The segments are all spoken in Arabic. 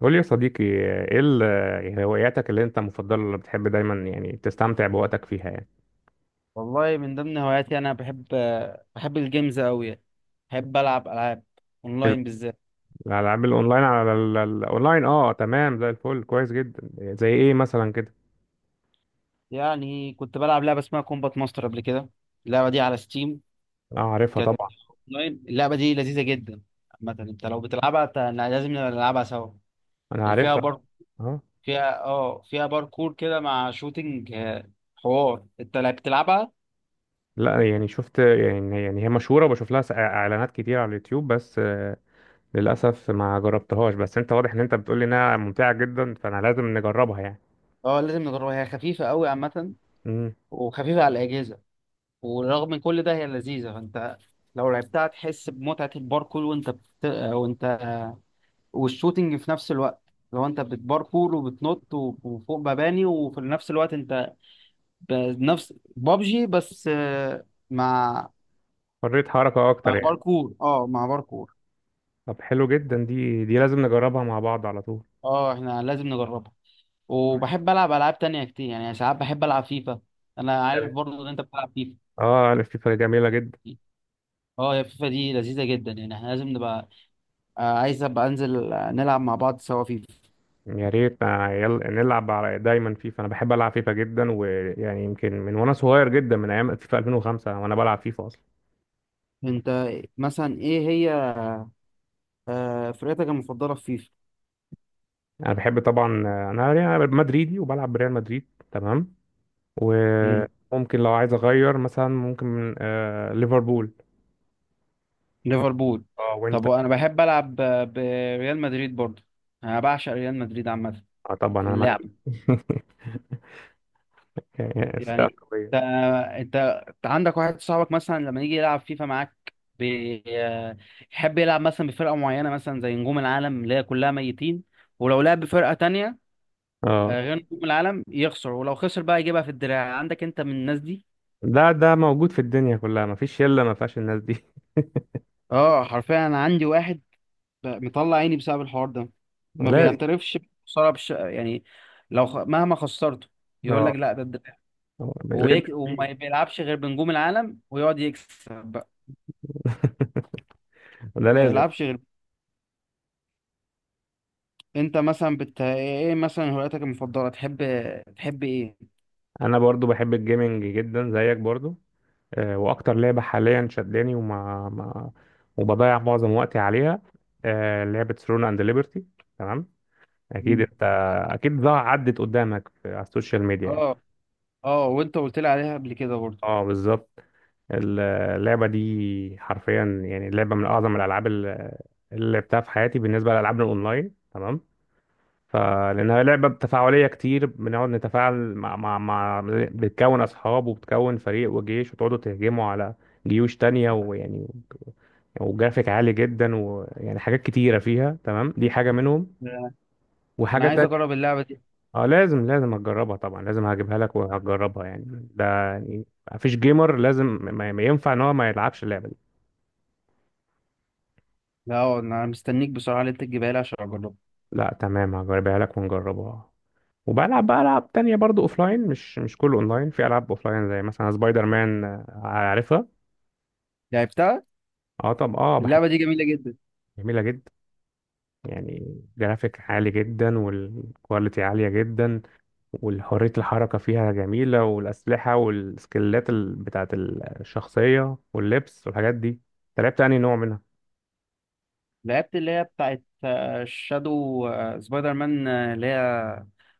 قول لي يا صديقي، ايه يعني هواياتك اللي انت مفضله اللي بتحب دايما يعني تستمتع بوقتك فيها يعني. والله من ضمن هواياتي انا بحب الجيمز قوي يعني. بحب العب العاب اونلاين بالذات. الالعاب الاونلاين على الاونلاين، اه تمام زي الفل كويس جدا. زي ايه مثلا كده؟ يعني كنت بلعب لعبه اسمها كومبات ماستر قبل كده. اللعبه دي على ستيم، اه عارفها كانت طبعا. اونلاين. اللعبه دي لذيذه جدا، مثلا انت لو بتلعبها لازم نلعبها سوا. انا اللي فيها عارفها. بار اه فيها اه فيها باركور كده مع شوتينج، حوار، انت لا بتلعبها؟ لا يعني شفت، يعني هي مشهوره وبشوف لها اعلانات كتير على اليوتيوب، بس للاسف ما جربتهاش، بس انت واضح ان انت بتقول لي انها ممتعه جدا، فانا لازم نجربها يعني. اه، لازم نجربها، هي خفيفه قوي عامه. امم. وخفيفه على الاجهزه، ورغم من كل ده هي لذيذة. فانت لو لعبتها تحس بمتعة الباركور وانت والشوتينج في نفس الوقت. لو انت بتباركور وبتنط و- وفوق مباني وفي نفس الوقت انت بنفس بابجي بس، مع حريه حركه اكتر مع يعني. باركور اه مع باركور طب حلو جدا، دي لازم نجربها مع بعض على طول. اه، احنا لازم نجربها. وبحب العب العاب تانية كتير، يعني ساعات بحب العب فيفا. انا عارف برضه ان انت بتلعب فيفا. اه انا فيفا جميله جدا. اه، يا فيفا دي لذيذة جدا. يعني احنا لازم نبقى، عايز ابقى انزل نلعب مع بعض سوا فيفا. يا ريت يلا نلعب على دايما فيفا، انا بحب العب فيفا جدا، ويعني يمكن من وانا صغير جدا من ايام فيفا 2005 وانا بلعب فيفا اصلا. انت مثلا، ايه هي فرقتك المفضله في فيفا؟ انا بحب طبعا، انا مدريدي وبلعب بريال مدريد تمام. مم. وممكن لو عايز اغير مثلا، ممكن ليفربول. ليفربول. اه وانت؟ طب وانا بحب العب بريال مدريد برضو. انا بعشق ريال مدريد عامه اه طبعا في انا اللعب. مدريد يعني فرقه يعني انت قويه. انت أنت عندك واحد صاحبك مثلا لما يجي يلعب فيفا معاك، بي- آه، يحب يلعب مثلا بفرقه معينه، مثلا زي نجوم العالم اللي هي كلها ميتين، ولو لعب بفرقه تانية اه غير نجوم العالم يخسر، ولو خسر بقى يجيبها في الدراع. عندك انت من الناس دي؟ ده موجود في الدنيا كلها، مفيش شله ما فيهاش الناس دي. اه حرفيا، انا عندي واحد بقى مطلع عيني بسبب الحوار ده. ما لازم. بيعترفش بخسارة يعني لو مهما خسرته، مم. يقول لك: اه. لا، ده الدفاع. لازم. وما بيلعبش غير بنجوم العالم ويقعد يكسب بقى. ده ما لازم. يلعبش غير. انت مثلا ايه مثلا هواياتك المفضلة، تحب ايه؟ انا برضو بحب الجيمنج جدا زيك برضو، واكتر لعبه حاليا شداني وما ما وبضيع معظم وقتي عليها، لعبه ثرون اند ليبرتي تمام. اكيد مم. انت، اكيد ضاع عدت قدامك على السوشيال ميديا يعني. اه. اه، وانت قلت لي عليها قبل كده برضه. اه بالظبط. اللعبه دي حرفيا يعني لعبه من اعظم الالعاب اللي لعبتها في حياتي بالنسبه للالعاب الاونلاين تمام. فلأنها لعبة تفاعلية كتير، بنقعد نتفاعل مع بتكون أصحاب وبتكون فريق وجيش وتقعدوا تهجموا على جيوش تانية، ويعني وجرافيك عالي جدا، ويعني حاجات كتيرة فيها تمام، دي حاجة منهم. لا، انا وحاجة عايز تانية، اجرب اللعبة دي. اه لازم هتجربها طبعا، لازم هجيبها لك وهتجربها يعني، ده يعني مفيش جيمر لازم ما ينفع ان هو ما يلعبش اللعبة دي. لا اه، انا مستنيك بصراحة اللي انت تجيبها لي عشان اجربها. لا تمام، هجيبها لك ونجربها. وبلعب بقى العاب تانية برضو اوفلاين، مش كله اونلاين، في العاب اوفلاين زي مثلا سبايدر مان، عارفها. لعبتها. اه طب، اه اللعبة بحبها. دي جميلة جدا. جميلة جدا، يعني جرافيك عالي جدا والكواليتي عالية جدا، وحرية الحركة فيها جميلة، والأسلحة والسكيلات بتاعة الشخصية واللبس والحاجات دي. انت لعبت تاني نوع منها؟ لعبت اللي هي بتاعت شادو سبايدر مان، اللي هي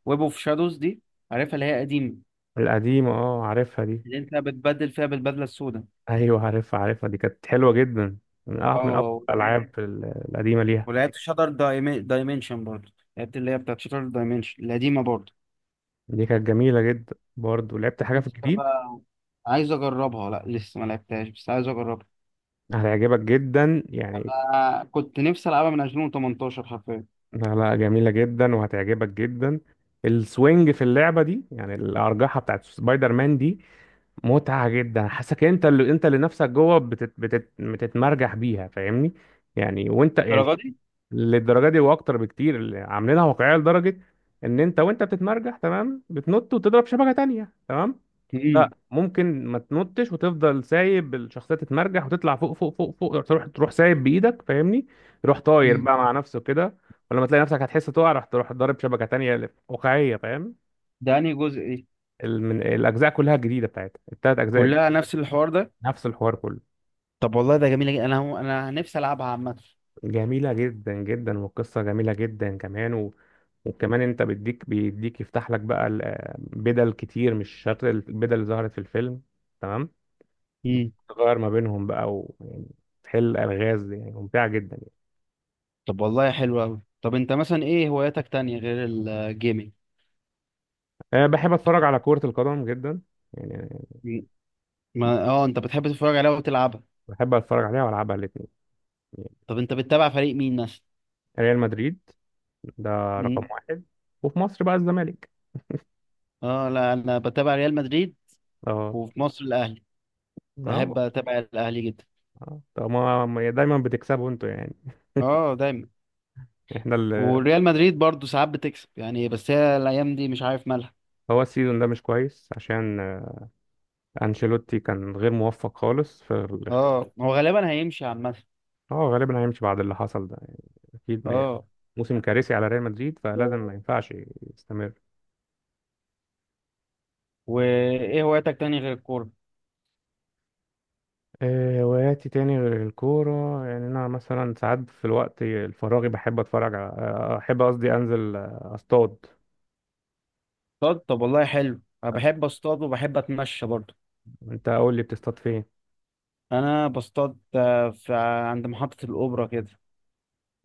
ويب اوف شادوز دي. عارفها، اللي هي قديمه، القديمة، اه عارفها دي. اللي انت بتبدل فيها بالبدله السوداء. ايوه عارفها عارفها دي، كانت حلوة جدا، من أفضل اه، ولعبت الألعاب القديمة ليها. ولعبت شاتر دايمنشن برضه. لعبت اللي هي بتاعت شاتر دايمنشن القديمه برضه. دي كانت جميلة جدا برضه. لعبت حاجة في لسه الجديد؟ بقى عايز اجربها. لا، لسه ما لعبتهاش بس عايز اجربها. هتعجبك جدا يعني. انا كنت نفسي العبها من 2018 حرفيا. لا لا، جميلة جدا وهتعجبك جدا. السوينج في اللعبة دي، يعني الأرجحة بتاعت سبايدر مان دي، متعة جدا. حاسك انت، اللي نفسك جوه بتتمرجح بيها، فاهمني يعني، وانت يعني الدرجه دي. للدرجة دي واكتر بكتير. اللي عاملينها واقعية لدرجة ان انت وانت بتتمرجح تمام، بتنط وتضرب شبكة تانية تمام. لا امم. ممكن ما تنطش وتفضل سايب الشخصيه تتمرجح وتطلع فوق فوق فوق فوق، تروح تروح سايب بايدك، فاهمني، تروح طاير أمم. بقى مع نفسه كده. ولما تلاقي نفسك هتحس تقع، راح تروح ضارب شبكه تانية اللي واقعيه، فاهم. ده انهي جزء دي؟ من الاجزاء كلها جديده، بتاعتها التلات اجزاء، كلها نفس الحوار ده. نفس الحوار كله. طب والله ده جميل جدا. انا نفسي العبها عامه. جميله جدا جدا، والقصه جميله جدا كمان، وكمان انت بيديك بيديك يفتح لك بقى بدل كتير، مش شرط البدل اللي ظهرت في الفيلم تمام. امم. تغير ما بينهم بقى، ويعني تحل الغاز، يعني ممتعه جدا. طب والله حلو قوي. طب انت مثلا، ايه هواياتك تانية غير الجيمنج؟ أه بحب اتفرج على كرة القدم جدا يعني. ما انت بتحب تتفرج عليها وتلعبها. بحب اتفرج عليها والعبها الاثنين يعني. طب انت بتتابع فريق مين مثلا؟ ريال مدريد ده رقم مم. واحد، وفي مصر بقى الزمالك. اه، لا، انا بتابع ريال مدريد. اه. وفي مصر الاهلي. بحب اه. اتابع الاهلي جدا. آه. طب ما دايما بتكسبوا انتوا يعني. اه، دايما. احنا وريال مدريد برضو ساعات بتكسب، يعني بس هي الايام دي مش عارف مالها. هو السيزون ده مش كويس، عشان انشيلوتي كان غير موفق خالص في الاختيار. اه، هو غالبا هيمشي عامه. اه غالبا هيمشي بعد اللي حصل ده يعني، اكيد اه، موسم كارثي على ريال مدريد، فلازم ما ينفعش يستمر. وايه هواياتك تاني غير الكوره؟ هواياتي تاني غير الكورة، يعني أنا مثلا ساعات في الوقت الفراغي بحب أتفرج على أحب، قصدي أنزل أصطاد. اصطاد؟ طب والله حلو. انا بحب اصطاد وبحب اتمشى برضو. أنت قول لي، بتصطاد فين؟ انا بصطاد، في عند محطه الاوبرا كده.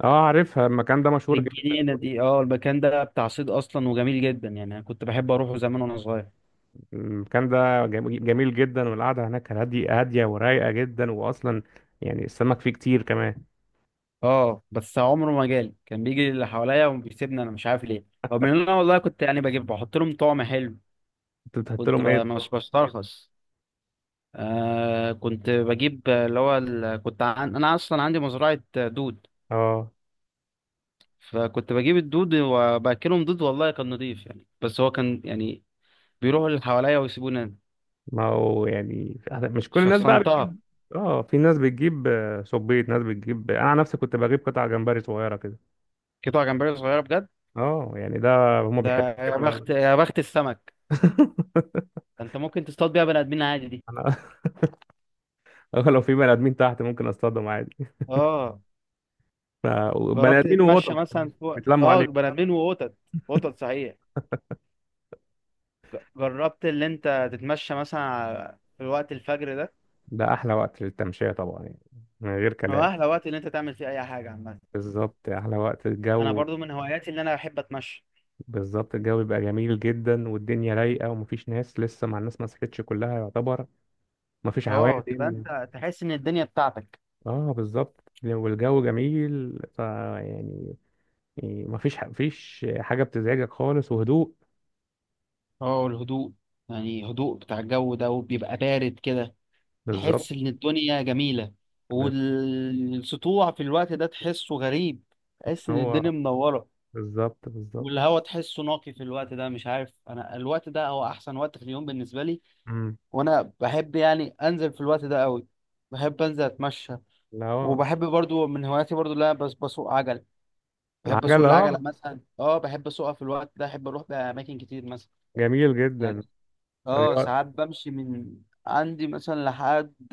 أه عارفها، المكان ده مشهور جدا. الجنينة دي، المكان ده بتاع صيد اصلا وجميل جدا. يعني انا كنت بحب اروحه زمان وانا صغير. المكان ده جميل جدا، والقعدة هناك هادية هادية ورايقة جدا، وأصلا يعني السمك فيه كتير كمان. اه بس عمره ما جالي، كان بيجي اللي حواليا وبيسيبني انا، مش عارف ليه، رغم ان انا والله كنت يعني بجيب بحط لهم طعم حلو. أنت بتحط كنت لهم إيه؟ مش بسترخص. كنت بجيب اللي هو كنت انا اصلا عندي مزرعة دود. أه فكنت بجيب الدود وباكلهم دود، والله كان نضيف يعني، بس هو كان يعني بيروحوا اللي حواليا ويسيبوني أنا. ما هو يعني مش كل الناس بقى شخصنتها. بتجيب. أه في ناس بتجيب صبيط، ناس بتجيب، أنا عن نفسي كنت بجيب قطع جمبري صغيرة كده. قطع جمبري صغيرة، بجد؟ اه يعني ده، هما ده، بيحبوا يا الكلام ده بخت أوي. يا بخت السمك. انت ممكن تصطاد بيها بني ادمين عادي دي. انا لو في بني ادمين تحت ممكن اصطادهم عادي. اه، ف- بني جربت ادمين تتمشى وقطط مثلا كمان فوق، بيتلموا عليك. بني ادمين وقطط. قطط صحيح. جربت اللي انت تتمشى مثلا في وقت الفجر ده؟ ده احلى وقت للتمشيه طبعا يعني، من غير هو كلام. احلى وقت اللي انت تعمل فيه اي حاجه عامه. بالظبط، احلى وقت انا الجو. برضو من هواياتي اللي انا بحب اتمشى. بالظبط، الجو بيبقى جميل جدا، والدنيا رايقه، ومفيش ناس لسه، مع الناس ما صحتش كلها يعتبر، مفيش اه، تبقى عوادم. انت تحس ان الدنيا بتاعتك. اه بالظبط، والجو جميل، ف يعني مفيش حاجه بتزعجك خالص وهدوء. اه، والهدوء، يعني هدوء بتاع الجو ده وبيبقى بارد كده. بالظبط. تحس ان الدنيا جميلة. بتحس والسطوع في الوقت ده تحسه غريب. ان تحس ان هو الدنيا منورة. بالظبط بالظبط. والهوا تحسه نقي في الوقت ده. مش عارف، انا الوقت ده هو احسن وقت في اليوم بالنسبه لي. امم. وانا بحب يعني انزل في الوقت ده قوي. بحب انزل اتمشى. لا هو وبحب برضو من هواياتي برضو اللي انا بس بسوق عجل. بحب اسوق العجل، العجله اه مثلا، بحب اسوقها في الوقت ده. احب اروح باماكن كتير مثلا. جميل يعني جدا، اه، رياضة. ساعات بمشي من عندي مثلا لحد،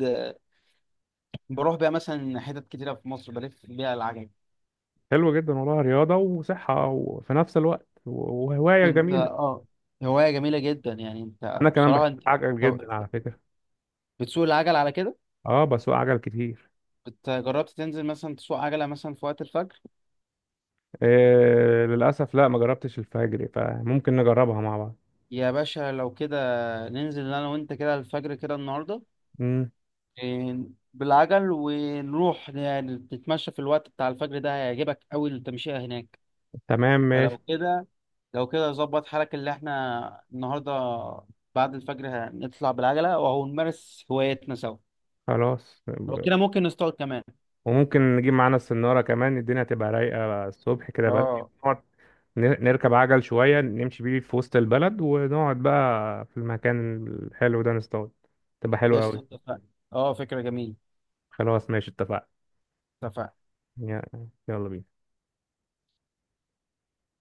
بروح بيها مثلا حتت كتيره في مصر بلف بيها العجل. حلو جدا والله، رياضة وصحة وفي نفس الوقت وهواية انت جميلة. هوايه جميله جدا. يعني انت أنا كمان بحب بصراحه، انت. عجل طب جدا على فكرة. بتسوق العجل على كده؟ اه بسوق عجل كتير. انت جربت تنزل مثلا تسوق عجلة مثلا في وقت الفجر؟ للأسف لا ما جربتش الفجري، فممكن نجربها مع بعض. يا باشا، لو كده ننزل انا وانت كده الفجر كده النهاردة. امم. إيه، بالعجل ونروح نتمشى في الوقت بتاع الفجر ده. هيعجبك قوي التمشية هناك. تمام ماشي. فلو كده ظبط حالك اللي احنا النهاردة بعد الفجر هنطلع بالعجلة وهو نمارس هوايتنا سوا. خلاص. لو كده ممكن نصطاد كمان. وممكن نجيب معانا السنارة كمان، الدنيا تبقى رايقة الصبح كده بدري، اه، نقعد نركب عجل شوية، نمشي بيه في وسط البلد، ونقعد بقى في المكان الحلو ده نصطاد، تبقى حلوة قشطة. أوي. اتفقنا. اه، فكرة جميلة. خلاص ماشي، اتفقنا. اتفقنا. يا- يلا بينا.